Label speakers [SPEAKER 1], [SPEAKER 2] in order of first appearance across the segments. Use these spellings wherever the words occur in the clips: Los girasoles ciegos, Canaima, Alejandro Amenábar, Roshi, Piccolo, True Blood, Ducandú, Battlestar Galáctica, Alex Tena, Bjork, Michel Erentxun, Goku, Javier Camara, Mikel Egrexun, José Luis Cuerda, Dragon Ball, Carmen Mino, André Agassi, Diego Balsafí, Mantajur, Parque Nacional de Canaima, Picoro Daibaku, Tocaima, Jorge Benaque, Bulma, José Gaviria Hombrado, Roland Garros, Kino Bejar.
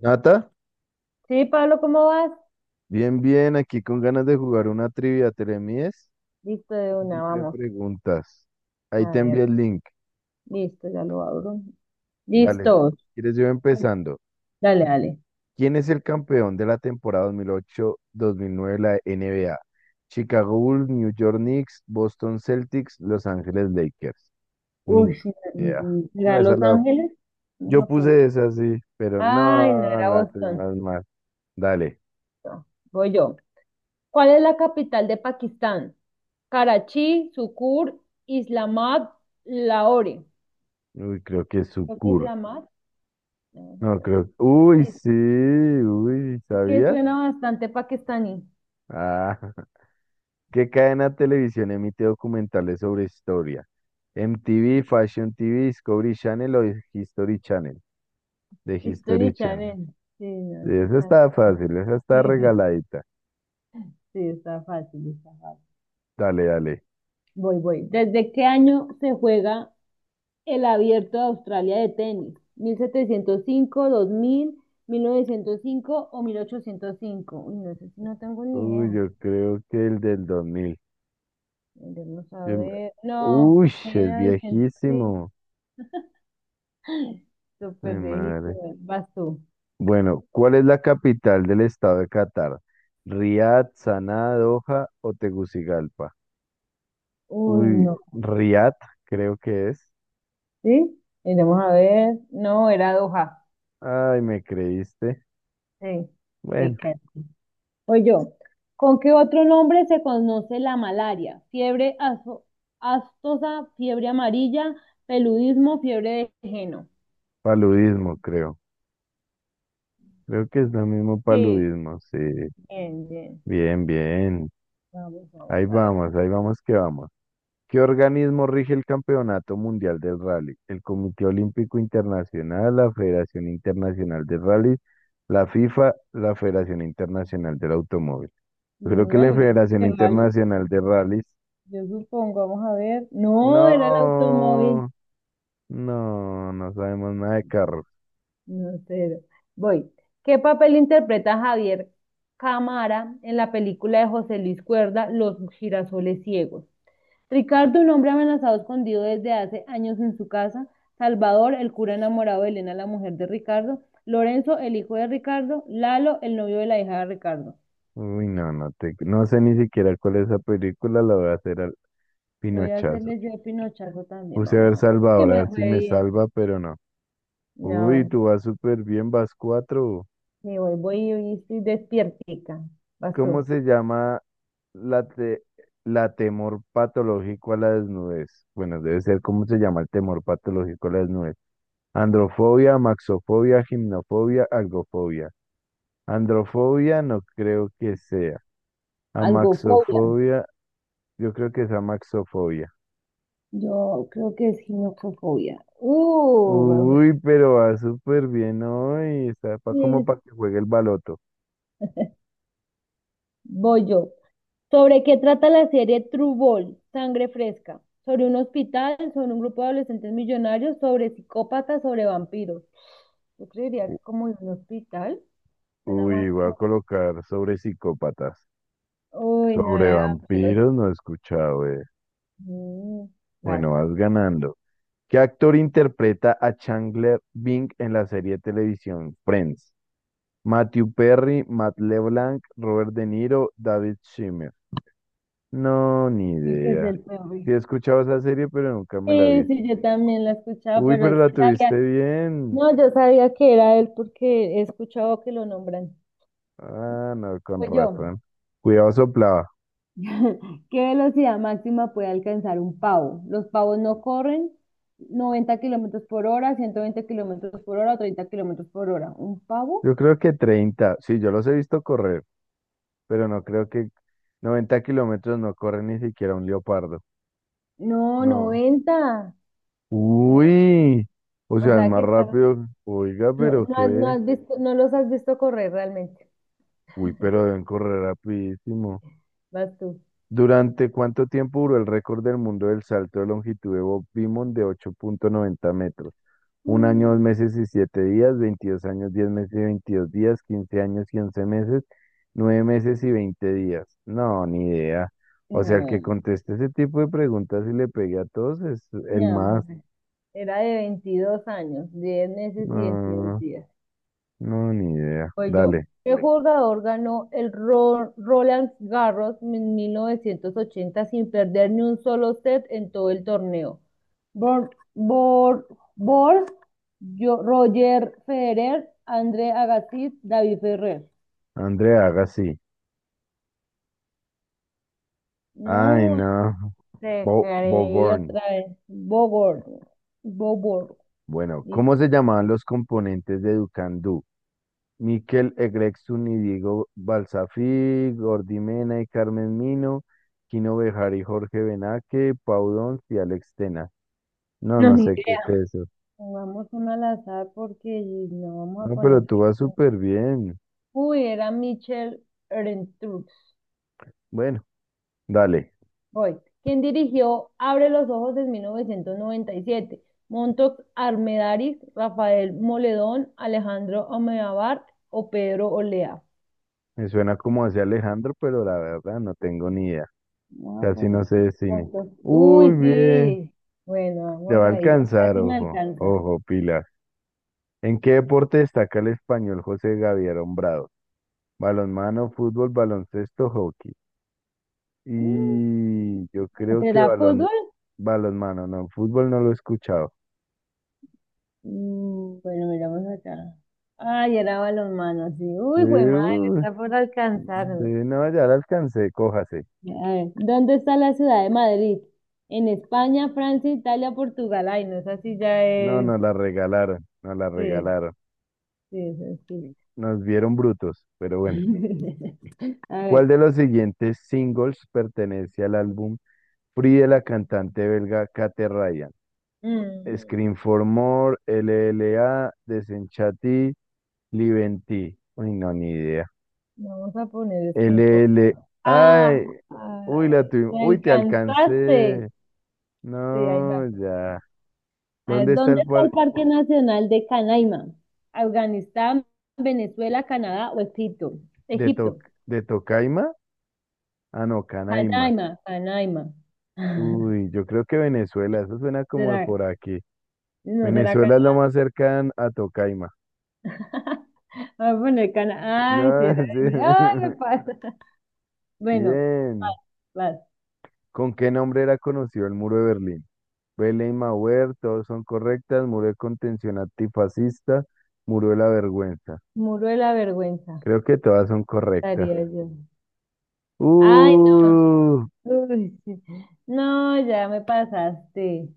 [SPEAKER 1] Nata,
[SPEAKER 2] Sí, Pablo, ¿cómo vas?
[SPEAKER 1] bien, bien, aquí con ganas de jugar una trivia, ¿te le mides?
[SPEAKER 2] Listo, de
[SPEAKER 1] Y
[SPEAKER 2] una,
[SPEAKER 1] te
[SPEAKER 2] vamos.
[SPEAKER 1] preguntas. Ahí
[SPEAKER 2] A
[SPEAKER 1] te
[SPEAKER 2] ver,
[SPEAKER 1] envié el link.
[SPEAKER 2] listo, ya lo abro. Listo.
[SPEAKER 1] Dale, ¿quieres yo empezando?
[SPEAKER 2] Dale, dale.
[SPEAKER 1] ¿Quién es el campeón de la temporada 2008-2009 de la NBA? Chicago Bulls, New York Knicks, Boston Celtics, Los Ángeles Lakers. Uy,
[SPEAKER 2] Uy,
[SPEAKER 1] no,
[SPEAKER 2] sí,
[SPEAKER 1] ni idea. No,
[SPEAKER 2] ¿era
[SPEAKER 1] esa
[SPEAKER 2] Los
[SPEAKER 1] la...
[SPEAKER 2] Ángeles? No,
[SPEAKER 1] Yo
[SPEAKER 2] Japón.
[SPEAKER 1] puse esa, sí, pero
[SPEAKER 2] Ay, no
[SPEAKER 1] no,
[SPEAKER 2] era
[SPEAKER 1] la
[SPEAKER 2] Boston.
[SPEAKER 1] tenemos mal. Dale.
[SPEAKER 2] No, voy yo. ¿Cuál es la capital de Pakistán? Karachi, Sukkur, Islamabad, Lahore.
[SPEAKER 1] Uy, creo que es
[SPEAKER 2] Creo que
[SPEAKER 1] Sucur.
[SPEAKER 2] Islamabad. Vamos a
[SPEAKER 1] No,
[SPEAKER 2] ver.
[SPEAKER 1] creo... Uy,
[SPEAKER 2] Es,
[SPEAKER 1] sí, uy,
[SPEAKER 2] es que
[SPEAKER 1] ¿sabías?
[SPEAKER 2] suena bastante pakistaní.
[SPEAKER 1] Ah, ¿qué cadena de televisión emite documentales sobre historia? MTV, Fashion TV, Discovery Channel o History Channel. De
[SPEAKER 2] History
[SPEAKER 1] History Channel.
[SPEAKER 2] Channel. Sí, no, sí
[SPEAKER 1] Esa
[SPEAKER 2] está.
[SPEAKER 1] está fácil, esa está regaladita.
[SPEAKER 2] Sí, está fácil, está fácil.
[SPEAKER 1] Dale, dale.
[SPEAKER 2] Voy, voy. ¿Desde qué año se juega el Abierto de Australia de tenis? ¿Mil, setecientos cinco, dos mil novecientos cinco o 1805? Uy, no sé, si no tengo ni
[SPEAKER 1] Uy,
[SPEAKER 2] idea.
[SPEAKER 1] yo creo que el del 2000.
[SPEAKER 2] Vamos a
[SPEAKER 1] Yo me-
[SPEAKER 2] ver. No,
[SPEAKER 1] Uy,
[SPEAKER 2] mil
[SPEAKER 1] es
[SPEAKER 2] novecientos cinco.
[SPEAKER 1] viejísimo.
[SPEAKER 2] Súper
[SPEAKER 1] Mi
[SPEAKER 2] viejito.
[SPEAKER 1] madre.
[SPEAKER 2] Vas tú.
[SPEAKER 1] Bueno, ¿cuál es la capital del estado de Qatar? ¿Riad, Saná, Doha o Tegucigalpa?
[SPEAKER 2] Uy,
[SPEAKER 1] Uy,
[SPEAKER 2] no.
[SPEAKER 1] Riad, creo que es.
[SPEAKER 2] ¿Sí? Vamos a ver. No, era Doha.
[SPEAKER 1] Ay, me creíste.
[SPEAKER 2] Sí, sí,
[SPEAKER 1] Bueno,
[SPEAKER 2] casi. O yo. ¿Con qué otro nombre se conoce la malaria? Astosa, fiebre amarilla, peludismo, fiebre de geno.
[SPEAKER 1] paludismo, creo. Creo que es lo mismo
[SPEAKER 2] Sí,
[SPEAKER 1] paludismo, sí.
[SPEAKER 2] bien, bien.
[SPEAKER 1] Bien, bien.
[SPEAKER 2] Vamos, vamos a ver.
[SPEAKER 1] Ahí vamos que vamos. ¿Qué organismo rige el Campeonato Mundial del Rally? El Comité Olímpico Internacional, la Federación Internacional de Rally, la FIFA, la Federación Internacional del Automóvil.
[SPEAKER 2] Yo
[SPEAKER 1] Creo que
[SPEAKER 2] me
[SPEAKER 1] la
[SPEAKER 2] imagino
[SPEAKER 1] Federación
[SPEAKER 2] que vale.
[SPEAKER 1] Internacional de Rallys.
[SPEAKER 2] Yo supongo, vamos a ver. No, era el automóvil.
[SPEAKER 1] No, no, no sabemos nada de carros.
[SPEAKER 2] No sé. Voy. ¿Qué papel interpreta Javier Camara en la película de José Luis Cuerda, Los girasoles ciegos? Ricardo, un hombre amenazado escondido desde hace años en su casa; Salvador, el cura enamorado de Elena, la mujer de Ricardo; Lorenzo, el hijo de Ricardo; Lalo, el novio de la hija de Ricardo.
[SPEAKER 1] Uy, no, no sé ni siquiera cuál es esa película, la voy a hacer al
[SPEAKER 2] Voy a
[SPEAKER 1] pinochazo.
[SPEAKER 2] hacerles yo el pinochazo también,
[SPEAKER 1] Puse a
[SPEAKER 2] vamos a
[SPEAKER 1] ver
[SPEAKER 2] ver. Uy,
[SPEAKER 1] Salvador, a
[SPEAKER 2] me
[SPEAKER 1] ver si
[SPEAKER 2] fue
[SPEAKER 1] me
[SPEAKER 2] bien.
[SPEAKER 1] salva, pero no.
[SPEAKER 2] No, a
[SPEAKER 1] Uy,
[SPEAKER 2] ver,
[SPEAKER 1] tú vas súper bien, vas cuatro.
[SPEAKER 2] sí, voy, voy y estoy despiertica. Vas
[SPEAKER 1] ¿Cómo
[SPEAKER 2] tú.
[SPEAKER 1] se llama la, te- la temor patológico a la desnudez? Bueno, debe ser cómo se llama el temor patológico a la desnudez. Androfobia, maxofobia, gimnofobia, algofobia. Androfobia no creo que sea.
[SPEAKER 2] Algofobia.
[SPEAKER 1] Amaxofobia, yo creo que es amaxofobia.
[SPEAKER 2] Yo creo que es ginecofobia. Me fue
[SPEAKER 1] Uy, pero va súper bien hoy. Está como
[SPEAKER 2] bien.
[SPEAKER 1] para que juegue el baloto.
[SPEAKER 2] Voy yo. ¿Sobre qué trata la serie True Blood? ¿Sangre Fresca? Sobre un hospital, sobre un grupo de adolescentes millonarios, sobre psicópatas, sobre vampiros. Yo creería
[SPEAKER 1] U-
[SPEAKER 2] que como de un hospital, suena más
[SPEAKER 1] Uy, voy a
[SPEAKER 2] como...
[SPEAKER 1] colocar sobre psicópatas.
[SPEAKER 2] Uy, no
[SPEAKER 1] Sobre
[SPEAKER 2] era de vampiros.
[SPEAKER 1] vampiros no he escuchado, eh.
[SPEAKER 2] Mm, Vas.
[SPEAKER 1] Bueno, vas ganando. ¿Qué actor interpreta a Chandler Bing en la serie de televisión Friends? Matthew Perry, Matt LeBlanc, Robert De Niro, David Schwimmer. No, ni
[SPEAKER 2] Y que es
[SPEAKER 1] idea.
[SPEAKER 2] el peor.
[SPEAKER 1] Sí he escuchado esa serie, pero nunca me la
[SPEAKER 2] Sí,
[SPEAKER 1] vi.
[SPEAKER 2] sí, yo también la escuchaba,
[SPEAKER 1] Uy,
[SPEAKER 2] pero
[SPEAKER 1] pero la
[SPEAKER 2] sí
[SPEAKER 1] tuviste
[SPEAKER 2] sabía.
[SPEAKER 1] bien.
[SPEAKER 2] No, yo sabía que era él porque he escuchado que lo nombran.
[SPEAKER 1] Ah, no, con
[SPEAKER 2] Pues yo.
[SPEAKER 1] razón. Cuidado soplaba.
[SPEAKER 2] ¿Qué velocidad máxima puede alcanzar un pavo? Los pavos no corren. ¿90 kilómetros por hora, 120 kilómetros por hora o 30 kilómetros por hora? ¿Un pavo?
[SPEAKER 1] Yo creo que 30. Sí, yo los he visto correr, pero no creo que 90 kilómetros no corre ni siquiera un leopardo.
[SPEAKER 2] No,
[SPEAKER 1] No.
[SPEAKER 2] 90. No,
[SPEAKER 1] Uy. O
[SPEAKER 2] o
[SPEAKER 1] sea, es
[SPEAKER 2] sea
[SPEAKER 1] más
[SPEAKER 2] que, claro,
[SPEAKER 1] rápido. Oiga,
[SPEAKER 2] no,
[SPEAKER 1] pero
[SPEAKER 2] no, no
[SPEAKER 1] qué.
[SPEAKER 2] has visto, no los has visto correr realmente.
[SPEAKER 1] Uy, pero deben correr rapidísimo.
[SPEAKER 2] Vas tú.
[SPEAKER 1] ¿Durante cuánto tiempo duró el récord del mundo del salto de longitud de Bob Beamon de 8,90 metros? 1 año,
[SPEAKER 2] Mm,
[SPEAKER 1] 2 meses y 7 días, 22 años, 10 meses y 22 días, 15 años y 11 meses, 9 meses y 20 días. No, ni idea. O sea, el que
[SPEAKER 2] No,
[SPEAKER 1] conteste ese tipo de preguntas y le pegue a todos es el
[SPEAKER 2] no,
[SPEAKER 1] más.
[SPEAKER 2] no. Era de veintidós años, diez meses y veintidós
[SPEAKER 1] No,
[SPEAKER 2] días.
[SPEAKER 1] no, ni idea.
[SPEAKER 2] Pues yo,
[SPEAKER 1] Dale,
[SPEAKER 2] ¿qué Bueno, ¿jugador ganó el Roland Garros en 1980 sin perder ni un solo set en todo el torneo? Bor, Bor, Bor, Roger Federer, André Agassi, David Ferrer.
[SPEAKER 1] Andrea, haga así. Ay,
[SPEAKER 2] No,
[SPEAKER 1] no.
[SPEAKER 2] te
[SPEAKER 1] Bo
[SPEAKER 2] creí
[SPEAKER 1] Boborn.
[SPEAKER 2] otra vez. Bogor, Bobor.
[SPEAKER 1] Bueno,
[SPEAKER 2] Listo.
[SPEAKER 1] ¿cómo se llamaban los componentes de Ducandú? Mikel Egrexun y Diego Balsafí, Gordy Mena y Carmen Mino, Kino Bejar y Jorge Benaque, Pau Dons y Alex Tena. No,
[SPEAKER 2] No,
[SPEAKER 1] no
[SPEAKER 2] ni
[SPEAKER 1] sé qué
[SPEAKER 2] idea.
[SPEAKER 1] es eso.
[SPEAKER 2] Pongamos una al azar porque no vamos a
[SPEAKER 1] No,
[SPEAKER 2] poner.
[SPEAKER 1] pero tú vas súper bien.
[SPEAKER 2] Uy, era Michel Erentxun.
[SPEAKER 1] Bueno, dale.
[SPEAKER 2] Voy. Quien dirigió Abre los ojos en 1997? Montox Armendariz, Rafael Moledón, Alejandro Amenábar o Pedro Olea.
[SPEAKER 1] Me suena como hacia Alejandro, pero la verdad no tengo ni idea.
[SPEAKER 2] Vamos a
[SPEAKER 1] Casi
[SPEAKER 2] poner
[SPEAKER 1] no sé
[SPEAKER 2] aquí
[SPEAKER 1] de cine.
[SPEAKER 2] Montox.
[SPEAKER 1] Uy,
[SPEAKER 2] Uy,
[SPEAKER 1] bien.
[SPEAKER 2] sí. Bueno,
[SPEAKER 1] Te
[SPEAKER 2] vamos
[SPEAKER 1] va a
[SPEAKER 2] ahí. Ya
[SPEAKER 1] alcanzar,
[SPEAKER 2] casi me
[SPEAKER 1] ojo.
[SPEAKER 2] alcanza.
[SPEAKER 1] Ojo, Pilar. ¿En qué deporte destaca el español José Gaviria Hombrado? Balonmano, fútbol, baloncesto, hockey.
[SPEAKER 2] Mm,
[SPEAKER 1] Y yo creo que
[SPEAKER 2] ¿Será fútbol?
[SPEAKER 1] balonmano, no, fútbol no lo he escuchado.
[SPEAKER 2] Bueno, miramos acá. Ay, era balonmano, sí.
[SPEAKER 1] Eh,
[SPEAKER 2] Uy, fue madre,
[SPEAKER 1] uh,
[SPEAKER 2] está por alcanzarme.
[SPEAKER 1] no, ya la alcancé, cójase.
[SPEAKER 2] A ver, ¿dónde está la ciudad de Madrid? ¿En España, Francia, Italia, Portugal? Ay, no, esa sí ya
[SPEAKER 1] No,
[SPEAKER 2] es.
[SPEAKER 1] nos la regalaron, nos la
[SPEAKER 2] Sí,
[SPEAKER 1] regalaron.
[SPEAKER 2] sí, esa sí.
[SPEAKER 1] Nos vieron brutos, pero bueno.
[SPEAKER 2] A ver,
[SPEAKER 1] ¿Cuál de los siguientes singles pertenece al álbum Free de la cantante belga Kate Ryan?
[SPEAKER 2] mm,
[SPEAKER 1] Scream for More, LLA, Desenchati, Live en Ti. Uy, no, ni idea.
[SPEAKER 2] vamos a poner esto
[SPEAKER 1] L L,
[SPEAKER 2] importante. Ah,
[SPEAKER 1] Ay, uy, la
[SPEAKER 2] ay,
[SPEAKER 1] tuvimos.
[SPEAKER 2] te
[SPEAKER 1] Uy, te
[SPEAKER 2] alcanzaste.
[SPEAKER 1] alcancé.
[SPEAKER 2] Sí, ahí va.
[SPEAKER 1] No, ya.
[SPEAKER 2] A ver,
[SPEAKER 1] ¿Dónde está
[SPEAKER 2] ¿dónde
[SPEAKER 1] el
[SPEAKER 2] está el
[SPEAKER 1] parque?
[SPEAKER 2] Parque Nacional de Canaima? ¿Afganistán, Venezuela, Canadá o Egipto?
[SPEAKER 1] ¿De
[SPEAKER 2] Egipto.
[SPEAKER 1] Toc- de Tocaima? Ah, no, Canaima.
[SPEAKER 2] Canaima, Canaima.
[SPEAKER 1] Uy, yo creo que Venezuela. Eso suena como de
[SPEAKER 2] ¿Será?
[SPEAKER 1] por aquí.
[SPEAKER 2] ¿No será
[SPEAKER 1] Venezuela es lo
[SPEAKER 2] Canaima?
[SPEAKER 1] más cercano a Tocaima.
[SPEAKER 2] A poner cana. Ay, sí,
[SPEAKER 1] No,
[SPEAKER 2] era ese. Ay,
[SPEAKER 1] sí.
[SPEAKER 2] me pasa. Bueno, vas.
[SPEAKER 1] Bien.
[SPEAKER 2] Vas.
[SPEAKER 1] ¿Con qué nombre era conocido el muro de Berlín? Belén Mauer, todos son correctas. Muro de contención antifascista, muro de la vergüenza.
[SPEAKER 2] Muro de la vergüenza,
[SPEAKER 1] Creo que todas son correctas.
[SPEAKER 2] estaría yo. Ay, no.
[SPEAKER 1] Uh,
[SPEAKER 2] Uy, sí. No, ya me pasaste.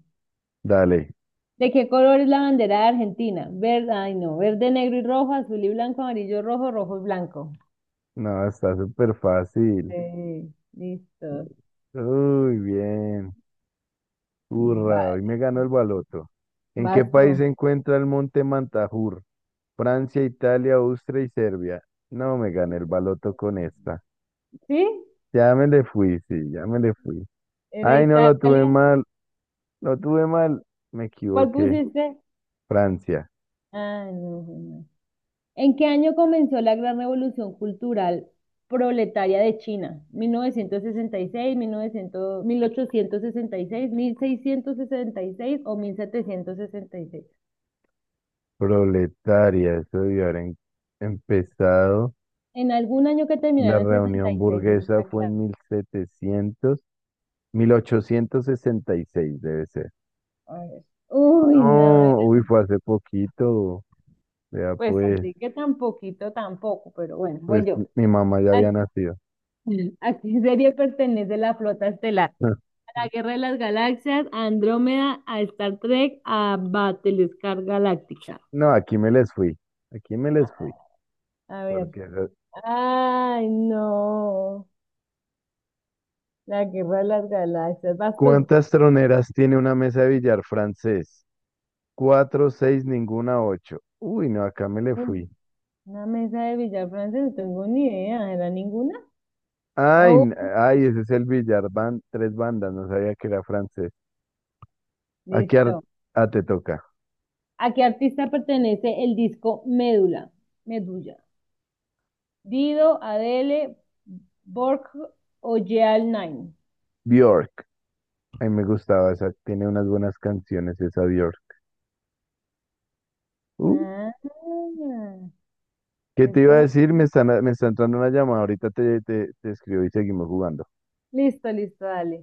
[SPEAKER 1] dale.
[SPEAKER 2] ¿De qué color es la bandera de Argentina? Verde, ay, no. ¿Verde, negro y rojo, azul y blanco, amarillo, rojo, rojo y blanco?
[SPEAKER 1] No, está súper fácil.
[SPEAKER 2] Sí, listo.
[SPEAKER 1] Uy, bien.
[SPEAKER 2] Va,
[SPEAKER 1] Hurra, hoy me ganó el baloto. ¿En qué
[SPEAKER 2] vas
[SPEAKER 1] país
[SPEAKER 2] tú.
[SPEAKER 1] se encuentra el monte Mantajur? Francia, Italia, Austria y Serbia. No me gané el baloto con esta.
[SPEAKER 2] ¿Sí?
[SPEAKER 1] Ya me le fui, sí, ya me le fui.
[SPEAKER 2] ¿Era
[SPEAKER 1] Ay, no, lo tuve
[SPEAKER 2] Italia?
[SPEAKER 1] mal, lo tuve mal. Me
[SPEAKER 2] ¿Cuál
[SPEAKER 1] equivoqué.
[SPEAKER 2] pusiste?
[SPEAKER 1] Francia,
[SPEAKER 2] Ah, no. Bueno. ¿En qué año comenzó la gran revolución cultural proletaria de China? ¿Mil novecientos sesenta y seis, ochocientos seiscientos sesenta y seis o 1766?
[SPEAKER 1] proletaria, eso debió haber empezado.
[SPEAKER 2] En algún año que
[SPEAKER 1] La
[SPEAKER 2] terminaron en sesenta
[SPEAKER 1] reunión
[SPEAKER 2] y seis
[SPEAKER 1] burguesa
[SPEAKER 2] está
[SPEAKER 1] fue
[SPEAKER 2] claro.
[SPEAKER 1] en 1866 debe ser.
[SPEAKER 2] A ver. Uy, no,
[SPEAKER 1] No, uy, fue hace poquito. Vea,
[SPEAKER 2] pues
[SPEAKER 1] pues,
[SPEAKER 2] así que tan poquito tampoco, pero bueno, voy
[SPEAKER 1] pues
[SPEAKER 2] yo.
[SPEAKER 1] mi mamá ya
[SPEAKER 2] ¿A,
[SPEAKER 1] había nacido.
[SPEAKER 2] a qué serie pertenece la flota estelar? ¿A la Guerra de las Galaxias, a Andrómeda, a Star Trek, a Battlestar Galáctica?
[SPEAKER 1] No, aquí me les fui. Aquí me les fui.
[SPEAKER 2] A ver,
[SPEAKER 1] Porque,
[SPEAKER 2] ay, no. La guerra de las galaxias. ¿Vas tú?
[SPEAKER 1] ¿cuántas troneras tiene una mesa de billar francés? Cuatro, seis, ninguna, ocho. Uy, no, acá me le
[SPEAKER 2] Uy,
[SPEAKER 1] fui.
[SPEAKER 2] una mesa de billar francés, no tengo ni idea. ¿Era ninguna? Ah,
[SPEAKER 1] Ay, ay, ese es el billar, van tres bandas, no sabía que era francés. Aquí ar-
[SPEAKER 2] listo.
[SPEAKER 1] te toca.
[SPEAKER 2] ¿A qué artista pertenece el disco Médula? Medulla. Dido, Adele, Borg o Jeal Nine.
[SPEAKER 1] Bjork. Ay, me gustaba esa, tiene unas buenas canciones esa Bjork.
[SPEAKER 2] Ah,
[SPEAKER 1] ¿Qué
[SPEAKER 2] estoy
[SPEAKER 1] te iba a
[SPEAKER 2] por acá.
[SPEAKER 1] decir? Me está entrando una llamada. Ahorita te escribo y seguimos jugando.
[SPEAKER 2] Listo, listo, dale.